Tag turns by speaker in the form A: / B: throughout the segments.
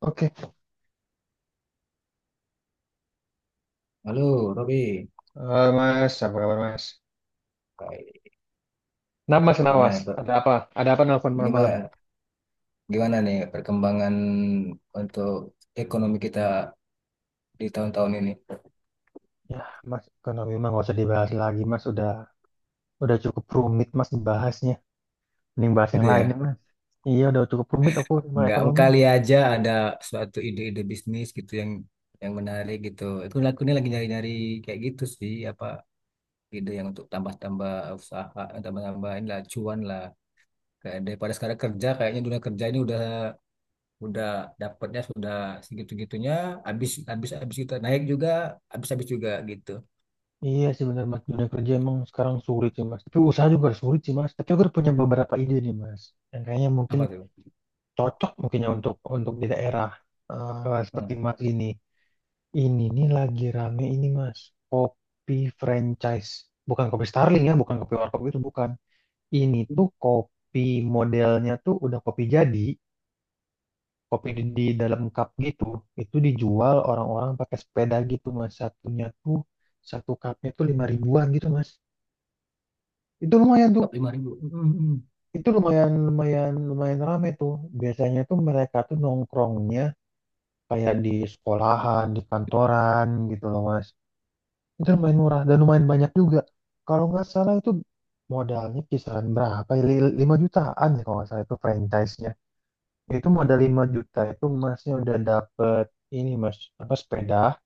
A: Oke.
B: Halo, Robi.
A: Mas, apa kabar Mas?
B: Baik.
A: Nah, Mas, kenapa,
B: Gimana
A: Mas?
B: nih, Pak?
A: Ada apa? Ada apa nelfon malam-malam?
B: Gimana, gimana nih perkembangan untuk ekonomi kita di tahun-tahun ini?
A: Ya, Mas, ekonomi mah nggak usah dibahas lagi, Mas. Udah cukup rumit, Mas, dibahasnya. Mending bahas yang
B: Itu
A: lain, ya,
B: ya.
A: Mas. Iya, udah cukup rumit aku sama
B: Nggak
A: ekonomi.
B: kali aja ada suatu ide-ide bisnis gitu yang menarik gitu. Itu aku ini lagi nyari-nyari kayak gitu sih, apa ide yang untuk tambah-tambah usaha, tambah-tambah inilah cuan lah. Kayak daripada sekarang kerja, kayaknya dunia kerja ini udah dapatnya sudah segitu-gitunya, habis habis habis kita naik juga, habis habis juga gitu.
A: Iya sih benar, Mas. Dunia kerja emang sekarang sulit sih, Mas. Tapi usaha juga harus sulit sih, Mas. Tapi aku udah punya beberapa ide nih, Mas. Yang kayaknya mungkin
B: Apa tuh?
A: cocok mungkinnya untuk di daerah
B: Hmm.
A: seperti Mas ini. Ini nih lagi rame ini mas, kopi franchise. Bukan kopi Starling ya, bukan kopi warkop itu bukan. Ini tuh kopi modelnya tuh udah kopi jadi, kopi di dalam cup gitu. Itu dijual orang-orang pakai sepeda gitu mas. Satunya tuh satu cupnya tuh lima ribuan gitu mas. Itu lumayan tuh.
B: Top 5.000. Hmm, hmm,
A: Itu lumayan lumayan lumayan rame tuh. Biasanya tuh mereka tuh nongkrongnya kayak di sekolahan, di kantoran gitu loh mas. Itu lumayan murah dan lumayan banyak juga. Kalau nggak salah itu modalnya kisaran berapa, ya? 5 jutaan ya kalau nggak salah itu franchise-nya. Itu modal 5 juta itu masnya udah dapet ini mas apa sepeda,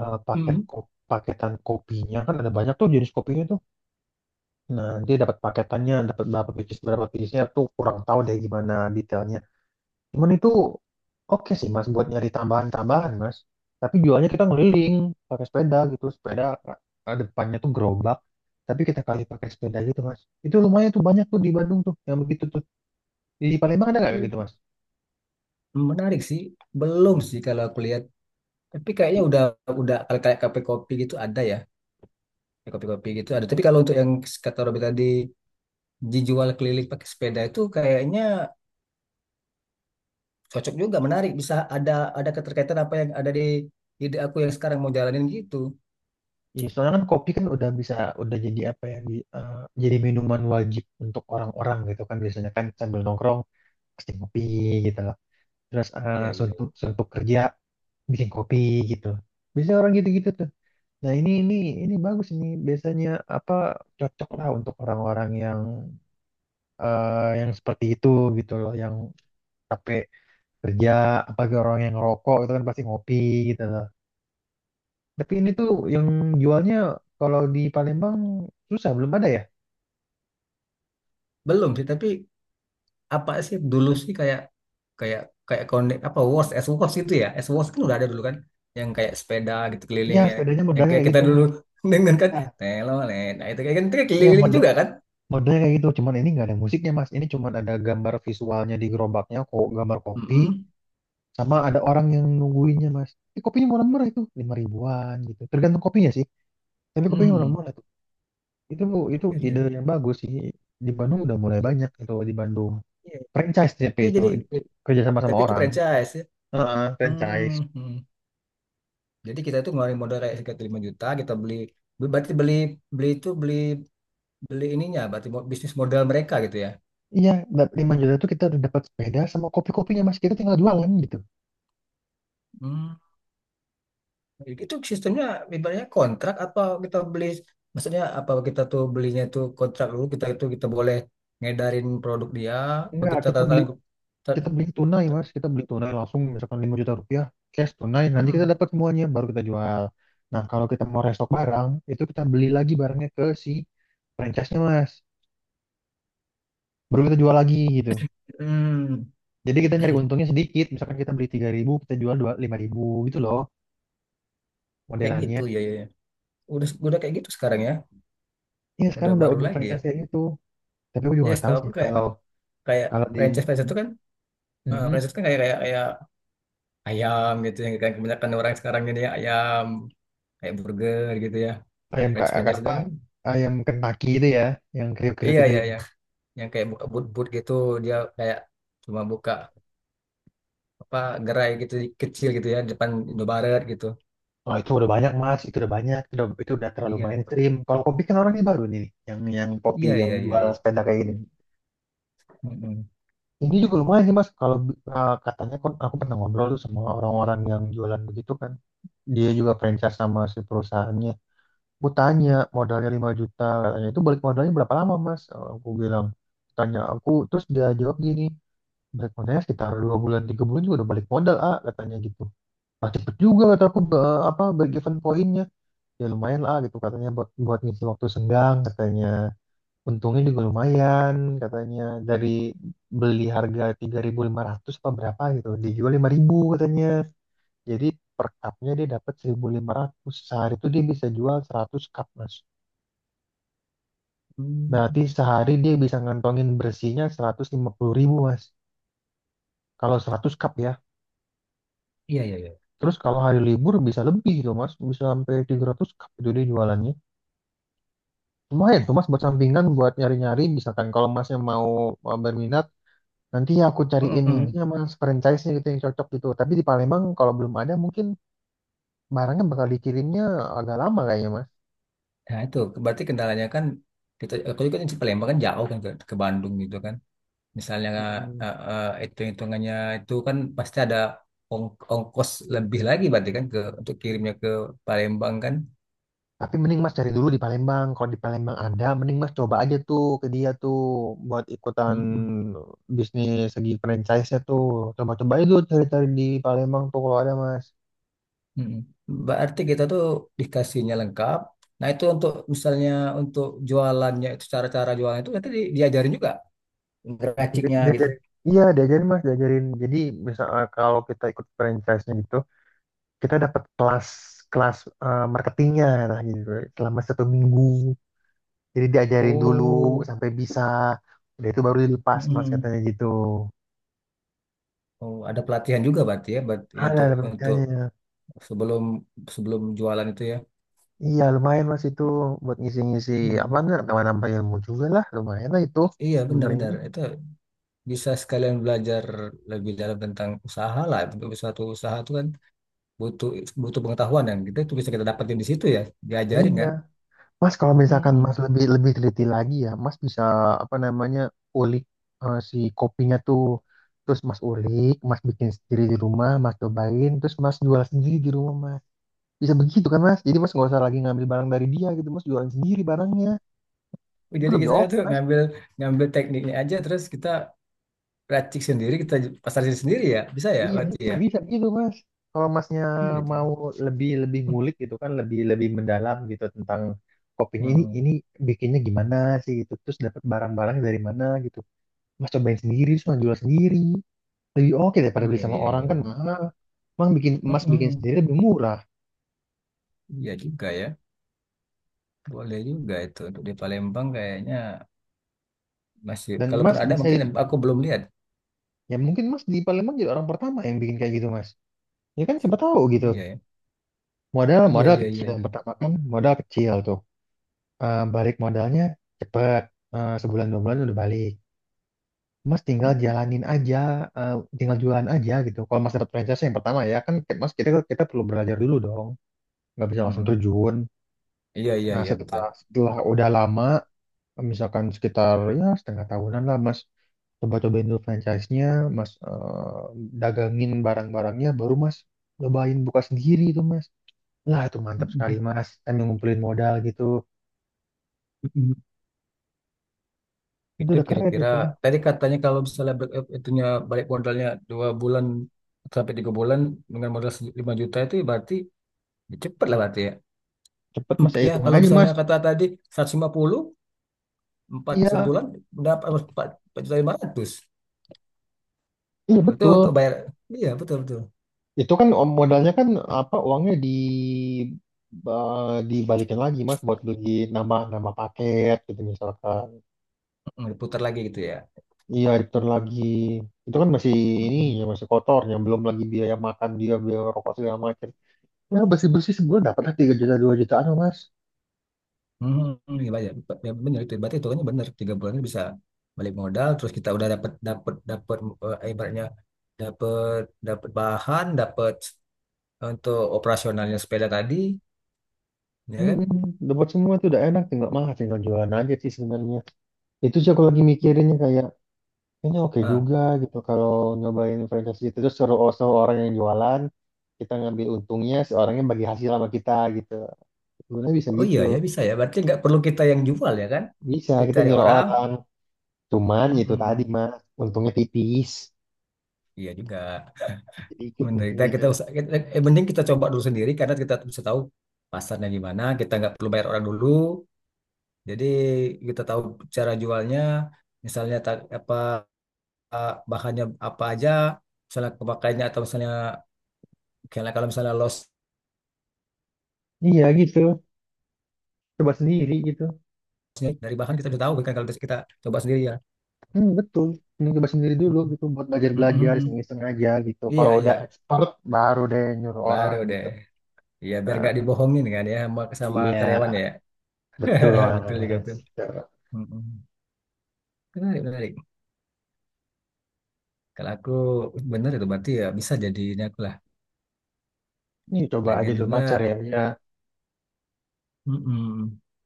A: paket
B: hmm.
A: paketan kopinya kan ada banyak tuh jenis kopinya tuh. Nah, dia dapat paketannya, dapat berapa pieces, berapa piecesnya tuh kurang tahu deh gimana detailnya. Cuman itu oke sih mas buat nyari tambahan-tambahan mas. Tapi jualnya kita ngeliling pakai sepeda gitu. Sepeda depannya tuh gerobak. Tapi kita kali pakai sepeda gitu mas. Itu lumayan tuh banyak tuh di Bandung tuh yang begitu tuh. Di Palembang ada nggak kayak
B: Hmm.
A: gitu mas?
B: Menarik sih. Belum sih kalau aku lihat. Tapi kayaknya udah kalau kayak kafe kopi gitu ada ya. Kayak Kopi-kopi gitu ada. Tapi kalau untuk yang kata Robi tadi dijual keliling pakai sepeda itu kayaknya cocok juga, menarik. Bisa ada keterkaitan apa yang ada di ide aku yang sekarang mau jalanin gitu.
A: Iya, soalnya kan kopi kan udah bisa udah jadi apa ya? Jadi minuman wajib untuk orang-orang gitu kan, biasanya kan sambil nongkrong pasti kopi gitu loh. Terus
B: Iya, iya.
A: suntuk, suntuk kerja bikin kopi gitu. Biasanya orang gitu-gitu tuh. Nah, ini ini bagus ini biasanya apa cocok lah untuk orang-orang yang yang seperti itu gitu loh, yang capek kerja, apalagi orang yang ngerokok itu kan pasti ngopi gitu loh. Tapi ini tuh yang jualnya kalau di Palembang susah, belum ada ya?
B: Belum sih, tapi apa sih dulu sih kayak kayak kayak connect apa Wars S Wars itu ya, S Wars kan udah ada dulu kan, yang kayak sepeda gitu
A: Ya,
B: kelilingnya,
A: sepedanya
B: yang
A: modalnya
B: kayak
A: kayak
B: kita
A: gitu,
B: dulu
A: Mas.
B: dengan kan
A: Ya,
B: telolet, nah itu kayak kan itu kayak
A: ya
B: keliling
A: model,
B: juga kan.
A: modelnya kayak gitu, cuman ini nggak ada musiknya, Mas. Ini cuman ada gambar visualnya di gerobaknya, kok gambar kopi
B: Mm.
A: sama ada orang yang nungguinnya, Mas. Ini kopinya murah-murah itu, lima ribuan gitu. Tergantung kopinya sih. Tapi kebayang orang Malang tuh. Itu itu ide
B: Iya,
A: yang bagus sih. Di Bandung udah mulai
B: iya.
A: banyak itu di Bandung. Franchise tapi
B: Ya jadi
A: itu kerja sama sama
B: tapi itu
A: orang.
B: franchise ya.
A: Heeh, franchise.
B: Mhm. Jadi kita itu ngeluarin modal kayak sekitar 5 juta kita beli, berarti beli beli itu beli beli ininya berarti bisnis modal mereka gitu ya.
A: Iya, 5 juta itu kita udah dapat sepeda sama kopi-kopinya mas. Kita tinggal jualan gitu.
B: Mm. Itu sistemnya ibaratnya kontrak apa kita beli, maksudnya apa kita tuh belinya tuh kontrak dulu, kita itu kita boleh ngedarin produk dia, apa
A: Enggak,
B: kita tanda tangan ta-
A: kita beli tunai
B: ta-
A: mas. Kita beli tunai langsung misalkan 5 juta rupiah cash tunai. Nanti kita
B: Mm-mm.
A: dapat semuanya baru kita jual. Nah kalau kita mau restock barang itu kita beli lagi barangnya ke si franchise-nya mas. Baru kita jual lagi gitu.
B: Hmm,
A: Jadi kita nyari untungnya sedikit, misalkan kita beli 3.000, kita jual 5.000 gitu loh
B: kayak gitu
A: modelannya.
B: ya, ya, ya. Udah kayak gitu sekarang ya.
A: Iya sekarang
B: Udah
A: udah
B: baru
A: udah
B: lagi ya.
A: franchise kayak gitu. Tapi aku juga
B: Ya,
A: nggak tahu
B: setahu
A: sih
B: aku kayak
A: kalau
B: kayak
A: kalau di
B: franchise-franchise itu kan,
A: mm,
B: franchise kan kayak kayak kayak ayam gitu yang kayak kebanyakan orang sekarang ini ya, ayam kayak burger gitu ya.
A: ayam
B: Franchise-franchise itu.
A: apa ayam Kentucky itu ya, yang kriuk-kriuk
B: Iya,
A: itu
B: iya,
A: ya.
B: iya. Yang kayak buka but-but gitu, dia kayak cuma buka apa gerai gitu kecil gitu ya, depan Indomaret gitu.
A: Oh itu udah banyak mas, itu udah banyak, itu udah terlalu
B: Iya.
A: mainstream. Kalau kopi kan orangnya baru nih, nih, yang kopi
B: Iya,
A: yang
B: iya, iya,
A: jual
B: iya.
A: sepeda kayak gini.
B: Mm-mm.
A: Ini juga lumayan sih mas, kalau katanya kan aku pernah ngobrol tuh sama orang-orang yang jualan begitu kan. Dia juga franchise sama si perusahaannya. Aku tanya modalnya 5 juta, katanya itu balik modalnya berapa lama mas. Aku bilang, tanya aku, terus dia jawab gini, balik modalnya sekitar dua bulan tiga bulan juga udah balik modal ah katanya gitu. Ah cepet juga kata aku, apa break even poinnya, ya lumayan lah ah, gitu katanya, buat, buat ngisi waktu senggang katanya, untungnya juga lumayan katanya. Dari beli harga 3.500 apa berapa gitu dijual 5.000 katanya. Jadi per cupnya dia dapat seribu lima ratus, sehari itu dia bisa jual 100 cup mas.
B: Hmm,
A: Berarti sehari dia bisa ngantongin bersihnya 150 ribu, Mas. Kalau 100 cup ya.
B: iya, iya, iya.
A: Terus kalau hari libur bisa lebih tuh, Mas. Bisa sampai 300 cup itu dia jualannya. Lumayan tuh, Mas, buat sampingan, buat nyari-nyari. Misalkan kalau Masnya mau berminat, nanti aku cariin ini
B: Mm-mm.
A: sama franchise-nya gitu yang cocok gitu. Tapi di Palembang kalau belum ada mungkin barangnya bakal dikirimnya agak lama kayaknya, Mas.
B: Nah itu berarti kendalanya kan, kita, aku juga kan di Palembang kan, jauh kan ke Bandung gitu kan. Misalnya
A: Mm-mm.
B: hitung-hitungannya itu kan pasti ada ongkos lebih lagi berarti kan ke untuk kirimnya ke Palembang kan.
A: Tapi mending Mas cari dulu di Palembang. Kalau di Palembang ada, mending Mas coba aja tuh ke dia tuh buat ikutan
B: Mm-mm.
A: bisnis segi franchise-nya tuh. Coba-coba aja dulu cari-cari di Palembang tuh kalau ada Mas.
B: Mm. Berarti kita tuh dikasihnya lengkap. Nah, itu untuk misalnya untuk jualannya itu, cara-cara jualan itu nanti diajarin juga ngeraciknya gitu.
A: Diajarin. Iya, diajarin Mas, diajarin. Jadi kalau kita ikut franchise-nya gitu, kita dapat kelas, kelas marketingnya nah gitu selama satu minggu. Jadi diajarin dulu
B: Oh,
A: sampai bisa. Udah itu baru dilepas Mas
B: mm-mm.
A: katanya gitu.
B: Oh, ada pelatihan juga berarti ya, berarti untuk
A: Ada
B: untuk
A: penelitiannya.
B: sebelum sebelum jualan itu ya.
A: Iya lumayan mas itu buat ngisi-ngisi apa
B: Hmm.
A: enggak nambah-nambah ilmu juga lah lumayan lah itu
B: Iya,
A: sebenarnya.
B: benar-benar. Itu bisa sekalian belajar lebih dalam tentang usaha lah. Untuk suatu usaha itu kan butuh butuh pengetahuan, dan kita itu bisa kita dapetin di situ ya, diajarin
A: Iya
B: kan.
A: mas, kalau misalkan mas
B: Mm-mm.
A: lebih lebih teliti lagi ya mas bisa apa namanya ulik si kopinya tuh, terus mas ulik, mas bikin sendiri di rumah, mas cobain, terus mas jual sendiri di rumah mas. Bisa begitu kan mas, jadi mas nggak usah lagi ngambil barang dari dia gitu, mas jualan sendiri barangnya, itu
B: Jadi
A: lebih
B: kita
A: oke
B: tuh
A: mas.
B: ngambil ngambil tekniknya aja, terus kita racik sendiri, kita pasarin sendiri ya. Bisa ya
A: Iya
B: berarti
A: betul
B: ya.
A: bisa gitu mas. Kalau masnya
B: Iya cuy.
A: mau lebih lebih ngulik gitu kan, lebih lebih mendalam gitu tentang kopinya, ini
B: Mm-mm.
A: ini bikinnya gimana sih gitu, terus dapat barang-barang dari mana gitu, mas cobain sendiri terus mas jual sendiri, lebih oke daripada
B: Iya,
A: beli sama
B: iya,
A: orang
B: iya.
A: kan
B: Iya.
A: mahal. Emang bikin, mas bikin
B: Mm-mm.
A: sendiri lebih murah,
B: Iya juga ya. Boleh juga itu untuk di Palembang, kayaknya masih
A: dan
B: kalaupun
A: mas
B: ada
A: bisa
B: mungkin aku belum lihat.
A: ya mungkin mas di Palembang jadi orang pertama yang bikin kayak gitu mas. Ya kan siapa tahu gitu,
B: Iya ya.
A: modal
B: Iya,
A: modal
B: iya,
A: kecil
B: iya, iya.
A: yang pertama kan, modal kecil tuh. Balik modalnya cepet. Sebulan dua bulan udah balik. Mas tinggal
B: Mm-mm.
A: jalanin aja, tinggal jualan aja gitu. Kalau Mas dapat franchise yang pertama ya kan, Mas, kita kita perlu belajar dulu dong, nggak bisa langsung
B: Mm-mm.
A: terjun.
B: Iya, iya,
A: Nah
B: iya,
A: setelah
B: betul.
A: setelah udah lama, misalkan sekitar ya setengah tahunan lah Mas, coba cobain dulu franchise-nya, Mas, dagangin barang-barangnya, baru Mas cobain buka sendiri itu Mas. Lah itu mantap sekali
B: Mm-mm.
A: Mas, kan ngumpulin modal gitu,
B: Mm-mm.
A: itu
B: Itu
A: udah keren
B: kira-kira
A: itu, Mas.
B: tadi katanya kalau misalnya itunya balik modalnya 2 bulan sampai 3 bulan dengan modal 5 juta itu berarti. Ya, cepet lah berarti ya.
A: Cepet Mas, ya
B: Ya
A: hitungan
B: kalau
A: aja Mas.
B: misalnya kata tadi 150 empat
A: Iya,
B: sebulan dapat 4 4 500.
A: iya
B: Itu
A: betul.
B: untuk bayar. Iya betul betul.
A: Itu kan modalnya kan apa uangnya di dibalikin lagi Mas buat beli nama, nama paket gitu misalkan.
B: Hmm, diputar lagi gitu ya.
A: Iya, return lagi. Itu kan masih ini
B: Hmm,
A: ya, masih kotor, yang belum lagi biaya makan dia, biaya rokok segala macam. Ya bersih-bersih sebulan dapat lah 3 juta 2 jutaan loh, Mas.
B: hmm, hmm, iya bayar. Ya, benar itu. Berarti itu kan benar. 3 bulan bisa balik modal. Terus kita udah dapat dapat dapat ibaratnya dapat dapat bahan, dapat untuk operasionalnya sepeda tadi, ya kan?
A: Mm-mm. Dapat semua tuh udah enak, tinggal mah tinggal jualan aja sih sebenarnya. Itu sih aku lagi mikirinnya kayak ini oke
B: Ah,
A: juga gitu kalau nyobain franchise gitu terus suruh, oh, suruh orang yang jualan, kita ngambil untungnya si orangnya bagi hasil sama kita gitu. Sebenarnya bisa
B: oh
A: gitu.
B: iya ya bisa ya. Berarti nggak perlu kita yang jual ya kan?
A: Bisa
B: Kita
A: kita
B: cari
A: nyuruh
B: orang.
A: orang. Cuman itu tadi
B: Mm-mm.
A: mas, untungnya tipis,
B: Iya juga
A: sedikit
B: menderita kita
A: untungnya.
B: usah kita, mending kita coba dulu sendiri karena kita bisa tahu pasarnya gimana, kita nggak perlu bayar orang dulu, jadi kita tahu cara jualnya, misalnya apa, bahannya apa aja misalnya kepakainya, atau misalnya kalau kalau misalnya lossnya
A: Iya gitu. Coba sendiri gitu.
B: dari bahan kita udah tahu kan, kalau kita coba sendiri ya.
A: Hmm, betul. Ini coba sendiri dulu
B: Mm-mm.
A: gitu buat belajar-belajar
B: Mm-mm.
A: iseng-iseng aja gitu.
B: Iya,
A: Kalau udah
B: iya,
A: expert baru deh nyuruh orang
B: baru deh,
A: gitu.
B: iya biar nggak
A: Nah,
B: dibohongin kan ya, sama
A: iya
B: karyawan ya.
A: betul
B: Betul juga
A: orang.
B: betul. Mm-mm. Menarik, menarik. Kalau aku bener itu berarti ya, bisa jadi ini aku lah.
A: Ini coba aja
B: Lagian
A: dulu
B: juga.
A: mas, cari aja.
B: Mm-mm.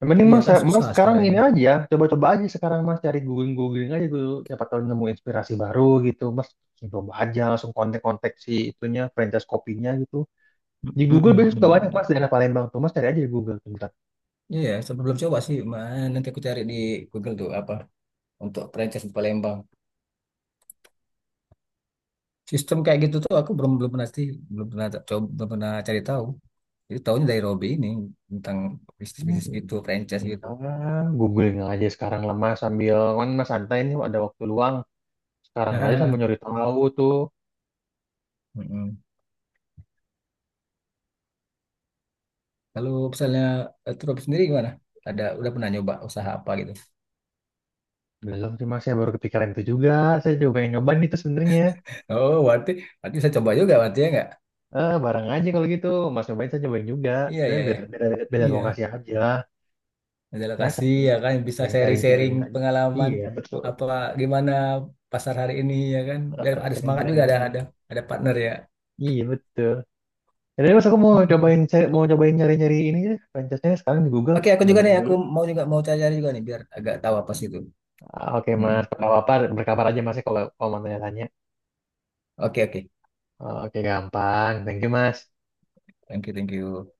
A: Yang penting
B: Iya
A: mas,
B: kan
A: mas
B: susah
A: sekarang
B: sekarang
A: ini
B: ini.
A: aja, coba-coba aja sekarang mas, cari googling-googling aja dulu, siapa tahu nemu inspirasi baru gitu, mas langsung coba aja, langsung kontak-kontak si itunya, franchise kopinya gitu. Di Google biasanya suka banyak
B: Mm-mm.
A: mas daerah Palembang tuh, mas cari aja di Google bentar.
B: Iya, ya, sebelum coba sih, man nanti aku cari di Google tuh apa untuk franchise di Palembang. Sistem kayak gitu tuh aku belum belum pernah sih, belum pernah coba, belum pernah cari tahu. Jadi tahunya dari Robby ini, tentang
A: Hmm,
B: bisnis-bisnis gitu, franchise gitu.
A: ah, googling aja sekarang lah mas, sambil kan mas santai nih ada waktu luang, sekarang aja sambil nyari tahu tuh.
B: Mm-mm. Kalau misalnya tuh Robby sendiri gimana? Ada udah pernah nyoba usaha apa gitu?
A: Belum sih mas, saya baru kepikiran itu juga, saya juga pengen nyobain itu sebenarnya.
B: Oh, berarti berarti bisa coba juga berarti ya nggak?
A: Barang aja kalau gitu, mas nyobain, saya nyobain juga,
B: Iya,
A: dan
B: iya, iya.
A: beda, beda, beda
B: Iya,
A: lokasi aja.
B: majalah
A: Ya,
B: kasih
A: saling
B: ya kan, bisa
A: saling
B: sharing-sharing
A: sharing-sharing aja.
B: pengalaman
A: Iya, betul.
B: apa gimana pasar hari ini ya kan, biar
A: Heeh,
B: ada semangat juga,
A: sharing-sharing
B: ada
A: aja.
B: ada partner ya.
A: Iya, betul. Jadi mas aku mau
B: Hmm.
A: cobain mau cobain nyari-nyari ini ya, franchise-nya sekarang di Google.
B: Oke, aku
A: Mau
B: juga
A: cobain
B: nih,
A: dulu.
B: aku mau juga mau cari-cari juga nih biar agak tahu apa sih itu.
A: Ah, oke,
B: Hmm. Hmm.
A: Mas. Apa-apa berkabar aja Mas ya, kalau kalau mau tanya-tanya.
B: Oke, oke.
A: Oh, oke, gampang. Thank you, Mas.
B: Thank you, thank you.